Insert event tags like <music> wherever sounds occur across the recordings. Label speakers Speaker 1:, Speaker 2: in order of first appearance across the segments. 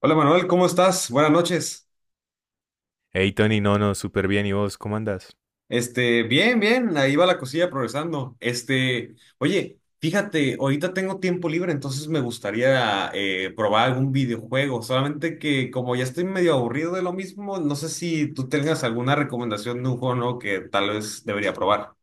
Speaker 1: Hola Manuel, ¿cómo estás? Buenas noches.
Speaker 2: Hey Tony, no, no, súper bien. ¿Y vos cómo andas?
Speaker 1: Bien, bien, ahí va la cosilla progresando. Este, oye, fíjate, ahorita tengo tiempo libre, entonces me gustaría probar algún videojuego, solamente que como ya estoy medio aburrido de lo mismo, no sé si tú tengas alguna recomendación de un juego nuevo que tal vez debería probar.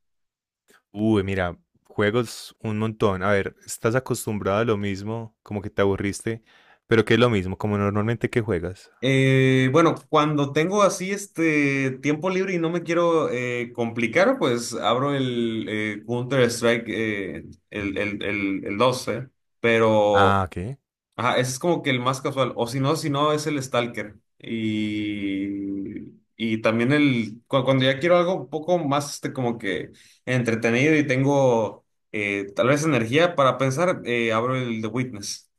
Speaker 2: Uy, mira, juegos un montón. A ver, ¿estás acostumbrado a lo mismo? Como que te aburriste, pero ¿qué es lo mismo? Como normalmente que juegas.
Speaker 1: Bueno, cuando tengo así este tiempo libre y no me quiero complicar, pues abro el Counter-Strike, el 12, pero
Speaker 2: Ah, ¿qué?
Speaker 1: ajá, ese es como que el más casual, o si no, si no es el Stalker. Y también el, cuando ya quiero algo un poco más este, como que entretenido y tengo tal vez energía para pensar, abro el The Witness.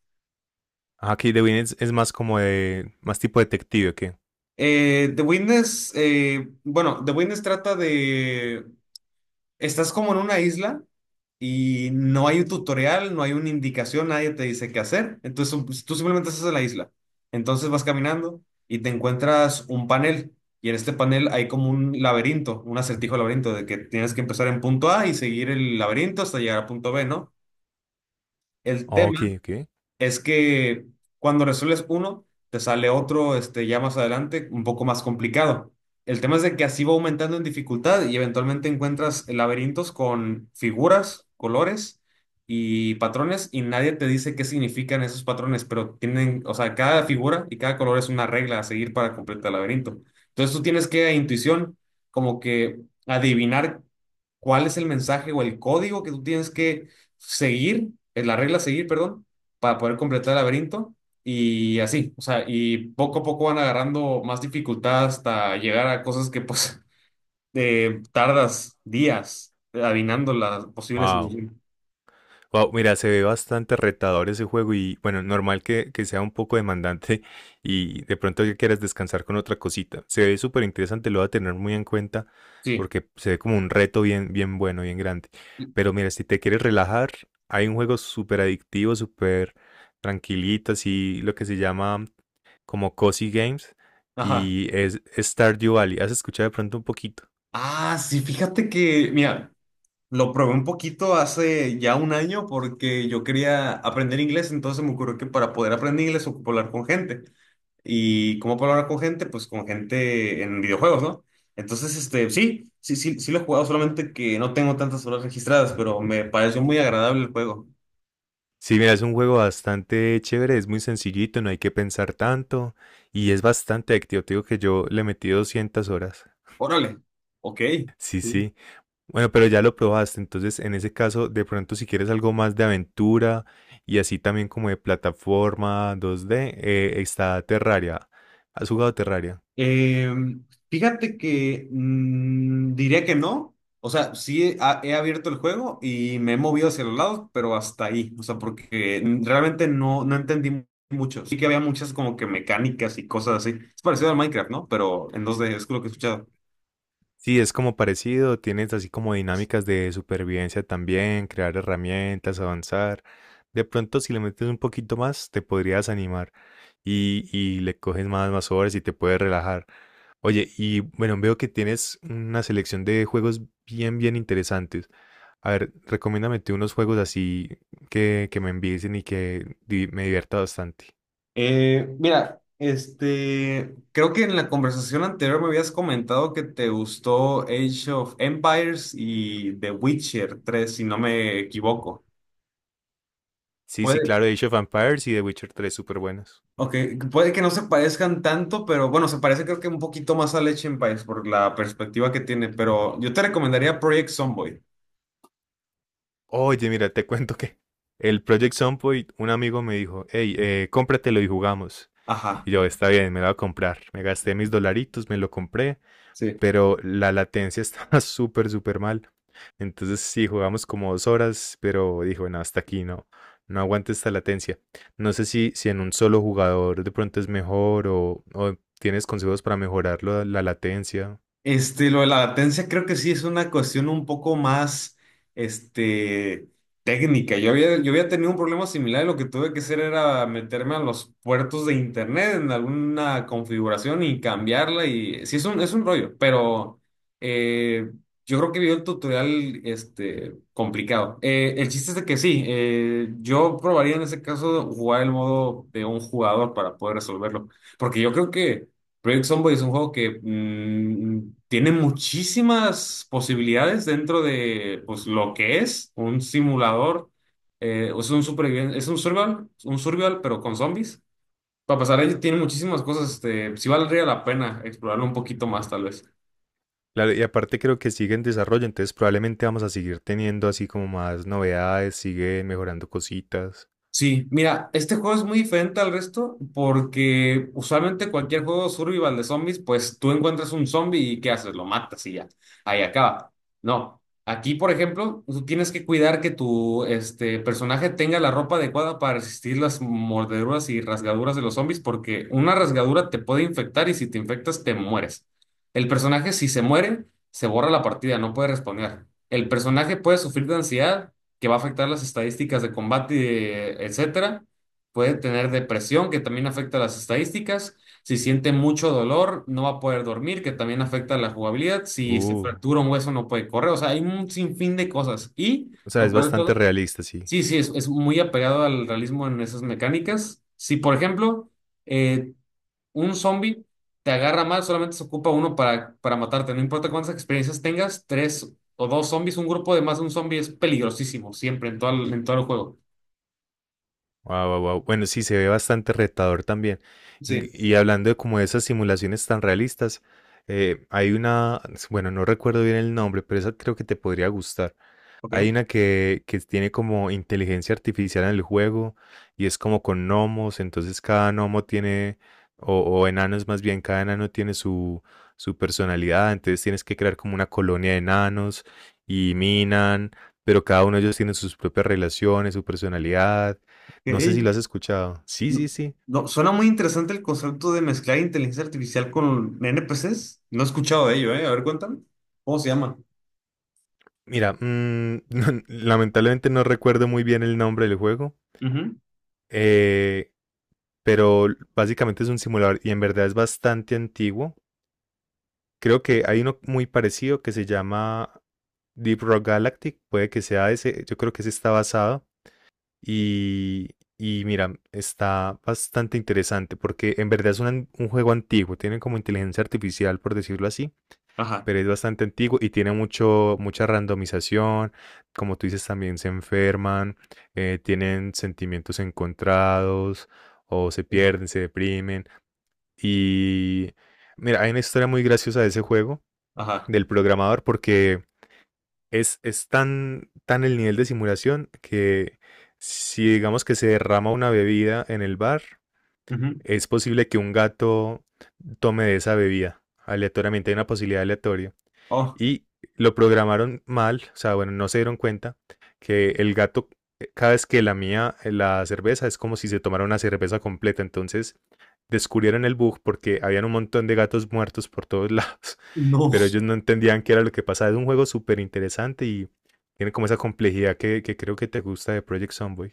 Speaker 2: Ah, ok, The Witness es más como de, más tipo detective, ¿o qué?
Speaker 1: The Witness, bueno, The Witness trata de, estás como en una isla y no hay un tutorial, no hay una indicación, nadie te dice qué hacer, entonces pues, tú simplemente estás en la isla. Entonces vas caminando y te encuentras un panel y en este panel hay como un laberinto, un acertijo laberinto de que tienes que empezar en punto A y seguir el laberinto hasta llegar a punto B, ¿no? El
Speaker 2: Oh, ok,
Speaker 1: tema
Speaker 2: ok.
Speaker 1: es que cuando resuelves uno, te sale otro, este, ya más adelante, un poco más complicado. El tema es de que así va aumentando en dificultad y eventualmente encuentras laberintos con figuras, colores y patrones y nadie te dice qué significan esos patrones, pero tienen, o sea, cada figura y cada color es una regla a seguir para completar el laberinto. Entonces tú tienes que a intuición, como que adivinar cuál es el mensaje o el código que tú tienes que seguir, es la regla a seguir, perdón, para poder completar el laberinto y así, o sea, y poco a poco van agarrando más dificultad hasta llegar a cosas que pues <laughs> tardas días adivinando las posibles
Speaker 2: Wow.
Speaker 1: soluciones.
Speaker 2: Wow, mira, se ve bastante retador ese juego y bueno, normal que sea un poco demandante <laughs> y de pronto que quieras descansar con otra cosita. Se ve súper interesante, lo voy a tener muy en cuenta
Speaker 1: Sí.
Speaker 2: porque se ve como un reto bien, bien bueno, bien grande. Pero mira, si te quieres relajar, hay un juego súper adictivo, súper tranquilito, así lo que se llama como Cozy Games
Speaker 1: Ajá.
Speaker 2: y es Stardew Valley. ¿Has escuchado de pronto un poquito?
Speaker 1: Ah, sí, fíjate que, mira, lo probé un poquito hace ya un año porque yo quería aprender inglés, entonces se me ocurrió que para poder aprender inglés ocupo hablar con gente. ¿Y cómo puedo hablar con gente? Pues con gente en videojuegos, ¿no? Entonces, este, sí lo he jugado, solamente que no tengo tantas horas registradas, pero me pareció muy agradable el juego.
Speaker 2: Sí, mira, es un juego bastante chévere, es muy sencillito, no hay que pensar tanto y es bastante activo. Te digo que yo le metí 200 horas.
Speaker 1: Órale, ok.
Speaker 2: Sí,
Speaker 1: Sí.
Speaker 2: sí. Bueno, pero ya lo probaste, entonces en ese caso, de pronto si quieres algo más de aventura y así también como de plataforma 2D, está Terraria. ¿Has jugado Terraria?
Speaker 1: Eh, Fíjate que diría que no. O sea, he abierto el juego y me he movido hacia los lados, pero hasta ahí. O sea, porque realmente no, no entendí mucho. Sí que había muchas como que mecánicas y cosas así. Es parecido al Minecraft, ¿no? Pero en dos d es lo que he escuchado.
Speaker 2: Sí, es como parecido, tienes así como dinámicas de supervivencia también, crear herramientas, avanzar. De pronto, si le metes un poquito más, te podrías animar y le coges más, más horas y te puedes relajar. Oye, y bueno, veo que tienes una selección de juegos bien, bien interesantes. A ver, recomiéndame tú unos juegos así que me envicien y que me divierta bastante.
Speaker 1: Mira, este, creo que en la conversación anterior me habías comentado que te gustó Age of Empires y The Witcher 3, si no me equivoco.
Speaker 2: Sí, sí,
Speaker 1: Puede,
Speaker 2: claro, Age of Empires y The Witcher 3 súper buenos.
Speaker 1: ok, puede que no se parezcan tanto, pero bueno, se parece creo que un poquito más a Age of Empires por la perspectiva que tiene, pero yo te recomendaría Project Zomboid.
Speaker 2: Oye, mira, te cuento que el Project Sunpoint, un amigo me dijo, hey, cómpratelo y jugamos.
Speaker 1: Ajá.
Speaker 2: Y yo, está bien, me lo voy a comprar. Me gasté mis dolaritos, me lo compré,
Speaker 1: Sí.
Speaker 2: pero la latencia estaba <laughs> súper, súper mal. Entonces sí, jugamos como 2 horas, pero dijo, no, hasta aquí no, no aguanta esta latencia. No sé si en un solo jugador de pronto es mejor o tienes consejos para mejorar la latencia.
Speaker 1: Este, lo de la latencia creo que sí es una cuestión un poco más, este, técnica. Yo había tenido un problema similar y lo que tuve que hacer era meterme a los puertos de internet en alguna configuración y cambiarla y sí es es un rollo, pero eh, yo creo que vi el tutorial, este, complicado. El chiste es de que sí, yo probaría en ese caso jugar el modo de un jugador para poder resolverlo, porque yo creo que... Project Zomboid es un juego que tiene muchísimas posibilidades dentro de pues, lo que es un simulador. Eh, es un superviviente, es un survival, pero con zombies. Para pasar ahí tiene muchísimas cosas, este, sí valdría la pena explorarlo un poquito más, tal vez.
Speaker 2: Claro, y aparte creo que sigue en desarrollo, entonces probablemente vamos a seguir teniendo así como más novedades, sigue mejorando cositas.
Speaker 1: Sí, mira, este juego es muy diferente al resto porque usualmente cualquier juego survival de zombies, pues tú encuentras un zombie y ¿qué haces? Lo matas y ya, ahí acaba. No, aquí por ejemplo, tú tienes que cuidar que tu este, personaje tenga la ropa adecuada para resistir las mordeduras y rasgaduras de los zombies porque una rasgadura te puede infectar y si te infectas te mueres. El personaje si se muere, se borra la partida, no puede responder. El personaje puede sufrir de ansiedad que va a afectar las estadísticas de combate, etcétera. Puede tener depresión, que también afecta las estadísticas. Si siente mucho dolor, no va a poder dormir, que también afecta la jugabilidad. Si se
Speaker 2: Uh,
Speaker 1: fractura un hueso, no puede correr. O sea, hay un sinfín de cosas. Y,
Speaker 2: o sea,
Speaker 1: lo
Speaker 2: es
Speaker 1: peor de todo,
Speaker 2: bastante realista, sí.
Speaker 1: sí, sí, es muy apegado al realismo en esas mecánicas. Si, por ejemplo, eh, un zombie te agarra mal, solamente se ocupa uno para matarte. No importa cuántas experiencias tengas, tres o dos zombies, un grupo de más de un zombie es peligrosísimo, siempre, en todo el juego.
Speaker 2: Wow, wow, wow. Bueno, sí, se ve bastante retador también.
Speaker 1: Sí,
Speaker 2: Y hablando de como esas simulaciones tan realistas, hay una, bueno, no recuerdo bien el nombre, pero esa creo que te podría gustar. Hay
Speaker 1: ok.
Speaker 2: una que tiene como inteligencia artificial en el juego y es como con gnomos, entonces cada gnomo tiene, o enanos más bien, cada enano tiene su personalidad, entonces tienes que crear como una colonia de enanos y minan, pero cada uno de ellos tiene sus propias relaciones, su personalidad. No sé si
Speaker 1: Ok.
Speaker 2: lo has escuchado. Sí,
Speaker 1: No,
Speaker 2: sí, sí.
Speaker 1: no, suena muy interesante el concepto de mezclar inteligencia artificial con NPCs. No he escuchado de ello, ¿eh? A ver, cuéntame. ¿Cómo se llama?
Speaker 2: Mira, <laughs> lamentablemente no recuerdo muy bien el nombre del juego.
Speaker 1: Ujú.
Speaker 2: eh, pero básicamente es un simulador y en verdad es bastante antiguo. Creo que hay uno muy parecido que se llama Deep Rock Galactic, puede que sea ese, yo creo que ese está basado y, y mira, está bastante interesante porque en verdad es un juego antiguo, tiene como inteligencia artificial por decirlo así,
Speaker 1: Ajá.
Speaker 2: pero es bastante antiguo y tiene mucho, mucha randomización, como tú dices también se enferman, tienen sentimientos encontrados o se
Speaker 1: eh,
Speaker 2: pierden, se deprimen y mira, hay una historia muy graciosa de ese juego
Speaker 1: Ajá.
Speaker 2: del programador porque es tan, tan el nivel de simulación que si digamos que se derrama una bebida en el bar,
Speaker 1: Ujú.
Speaker 2: es posible que un gato tome de esa bebida aleatoriamente, hay una posibilidad aleatoria
Speaker 1: Oh,
Speaker 2: y lo programaron mal, o sea, bueno, no se dieron cuenta que el gato, cada vez que lamía la cerveza, es como si se tomara una cerveza completa. Entonces descubrieron el bug porque habían un montón de gatos muertos por todos lados, <laughs>
Speaker 1: no.
Speaker 2: pero ellos no entendían qué era lo que pasaba. Es un juego súper interesante y tiene como esa complejidad que creo que te gusta de Project Zomboid.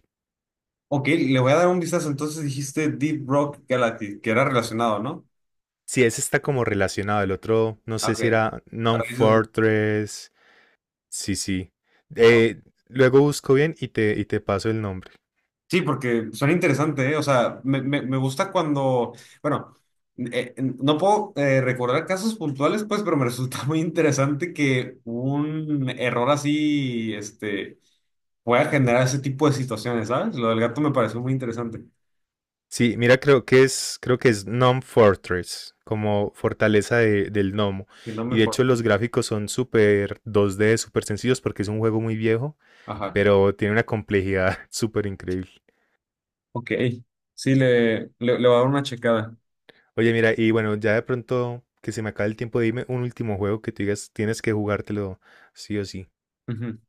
Speaker 1: Ok, le voy a dar un vistazo. Entonces dijiste Deep Rock Galactic, que era relacionado, ¿no?
Speaker 2: Sí, ese está como relacionado. El otro, no sé
Speaker 1: Ok.
Speaker 2: si era
Speaker 1: Ahora sí.
Speaker 2: Non-Fortress. Sí, sí.
Speaker 1: Oh,
Speaker 2: Eh, Luego busco bien y y te paso el nombre.
Speaker 1: sí, porque suena interesante, ¿eh? O sea, me gusta cuando, bueno, no puedo recordar casos puntuales, pues, pero me <laughs> resulta muy interesante que un error así, este, pueda generar ese tipo de situaciones, ¿sabes? Lo del gato me pareció muy interesante,
Speaker 2: Sí, mira, creo que es Gnome Fortress, como fortaleza del gnomo.
Speaker 1: que no me
Speaker 2: Y de
Speaker 1: fue.
Speaker 2: hecho los gráficos son súper 2D, súper sencillos porque es un juego muy viejo,
Speaker 1: Ajá.
Speaker 2: pero tiene una complejidad <laughs> súper increíble.
Speaker 1: Ok, sí, le voy a dar una checada.
Speaker 2: Oye, mira, y bueno, ya de pronto que se me acabe el tiempo, dime un último juego que tú digas, tienes que jugártelo sí o sí.
Speaker 1: Ujú.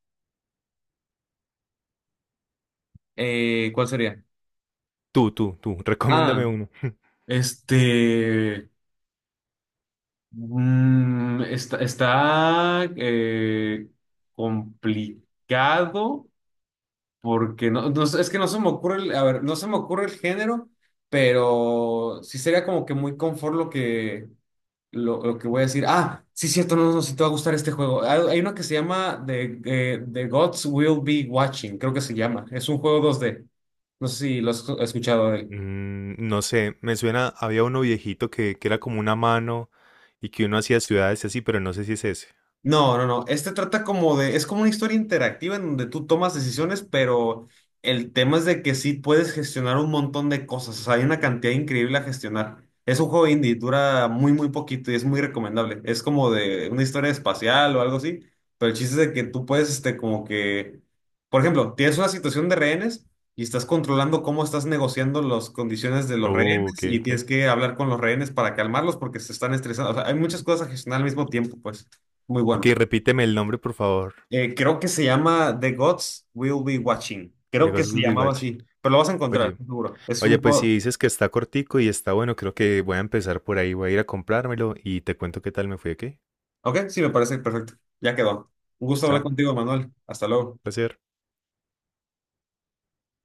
Speaker 1: ¿Cuál sería?
Speaker 2: Tú, recomiéndame
Speaker 1: Ah,
Speaker 2: uno. <laughs>
Speaker 1: este... Mm, está, complicado porque no, no sé, es que no se me ocurre el, a ver, no se me ocurre el género, pero sí sería como que muy confort lo que voy a decir. Ah, sí, cierto, no, no, si te va a gustar este juego. Hay uno que se llama The Gods Will Be Watching, creo que se llama. Es un juego dos d. No sé si lo has escuchado.
Speaker 2: No sé, me suena, había uno viejito que era como una mano y que uno hacía ciudades y así, pero no sé si es ese.
Speaker 1: No, no, no. Este trata como de, es como una historia interactiva en donde tú tomas decisiones, pero el tema es de que sí puedes gestionar un montón de cosas. O sea, hay una cantidad increíble a gestionar. Es un juego indie, dura muy, muy poquito y es muy recomendable. Es como de una historia espacial o algo así, pero el chiste es de que tú puedes, este, como que, por ejemplo, tienes una situación de rehenes y estás controlando cómo estás negociando las condiciones de los
Speaker 2: Oh, ok,
Speaker 1: rehenes y
Speaker 2: ok.
Speaker 1: tienes que hablar con los rehenes para calmarlos porque se están estresando. O sea, hay muchas cosas a gestionar al mismo tiempo, pues. Muy
Speaker 2: Ok,
Speaker 1: bueno.
Speaker 2: repíteme el nombre, por favor.
Speaker 1: Creo que se llama The Gods Will Be Watching.
Speaker 2: De
Speaker 1: Creo que
Speaker 2: Ghost
Speaker 1: se
Speaker 2: Will Be
Speaker 1: llamaba
Speaker 2: Watching.
Speaker 1: así, pero lo vas a encontrar,
Speaker 2: Oye,
Speaker 1: estoy seguro. Es
Speaker 2: oye,
Speaker 1: un
Speaker 2: pues si
Speaker 1: juego.
Speaker 2: dices que está cortico y está bueno, creo que voy a empezar por ahí. Voy a ir a comprármelo y te cuento qué tal me fue, ¿ok?
Speaker 1: Ok, sí, me parece perfecto. Ya quedó. Un gusto hablar
Speaker 2: Chao,
Speaker 1: contigo, Manuel. Hasta luego.
Speaker 2: placer.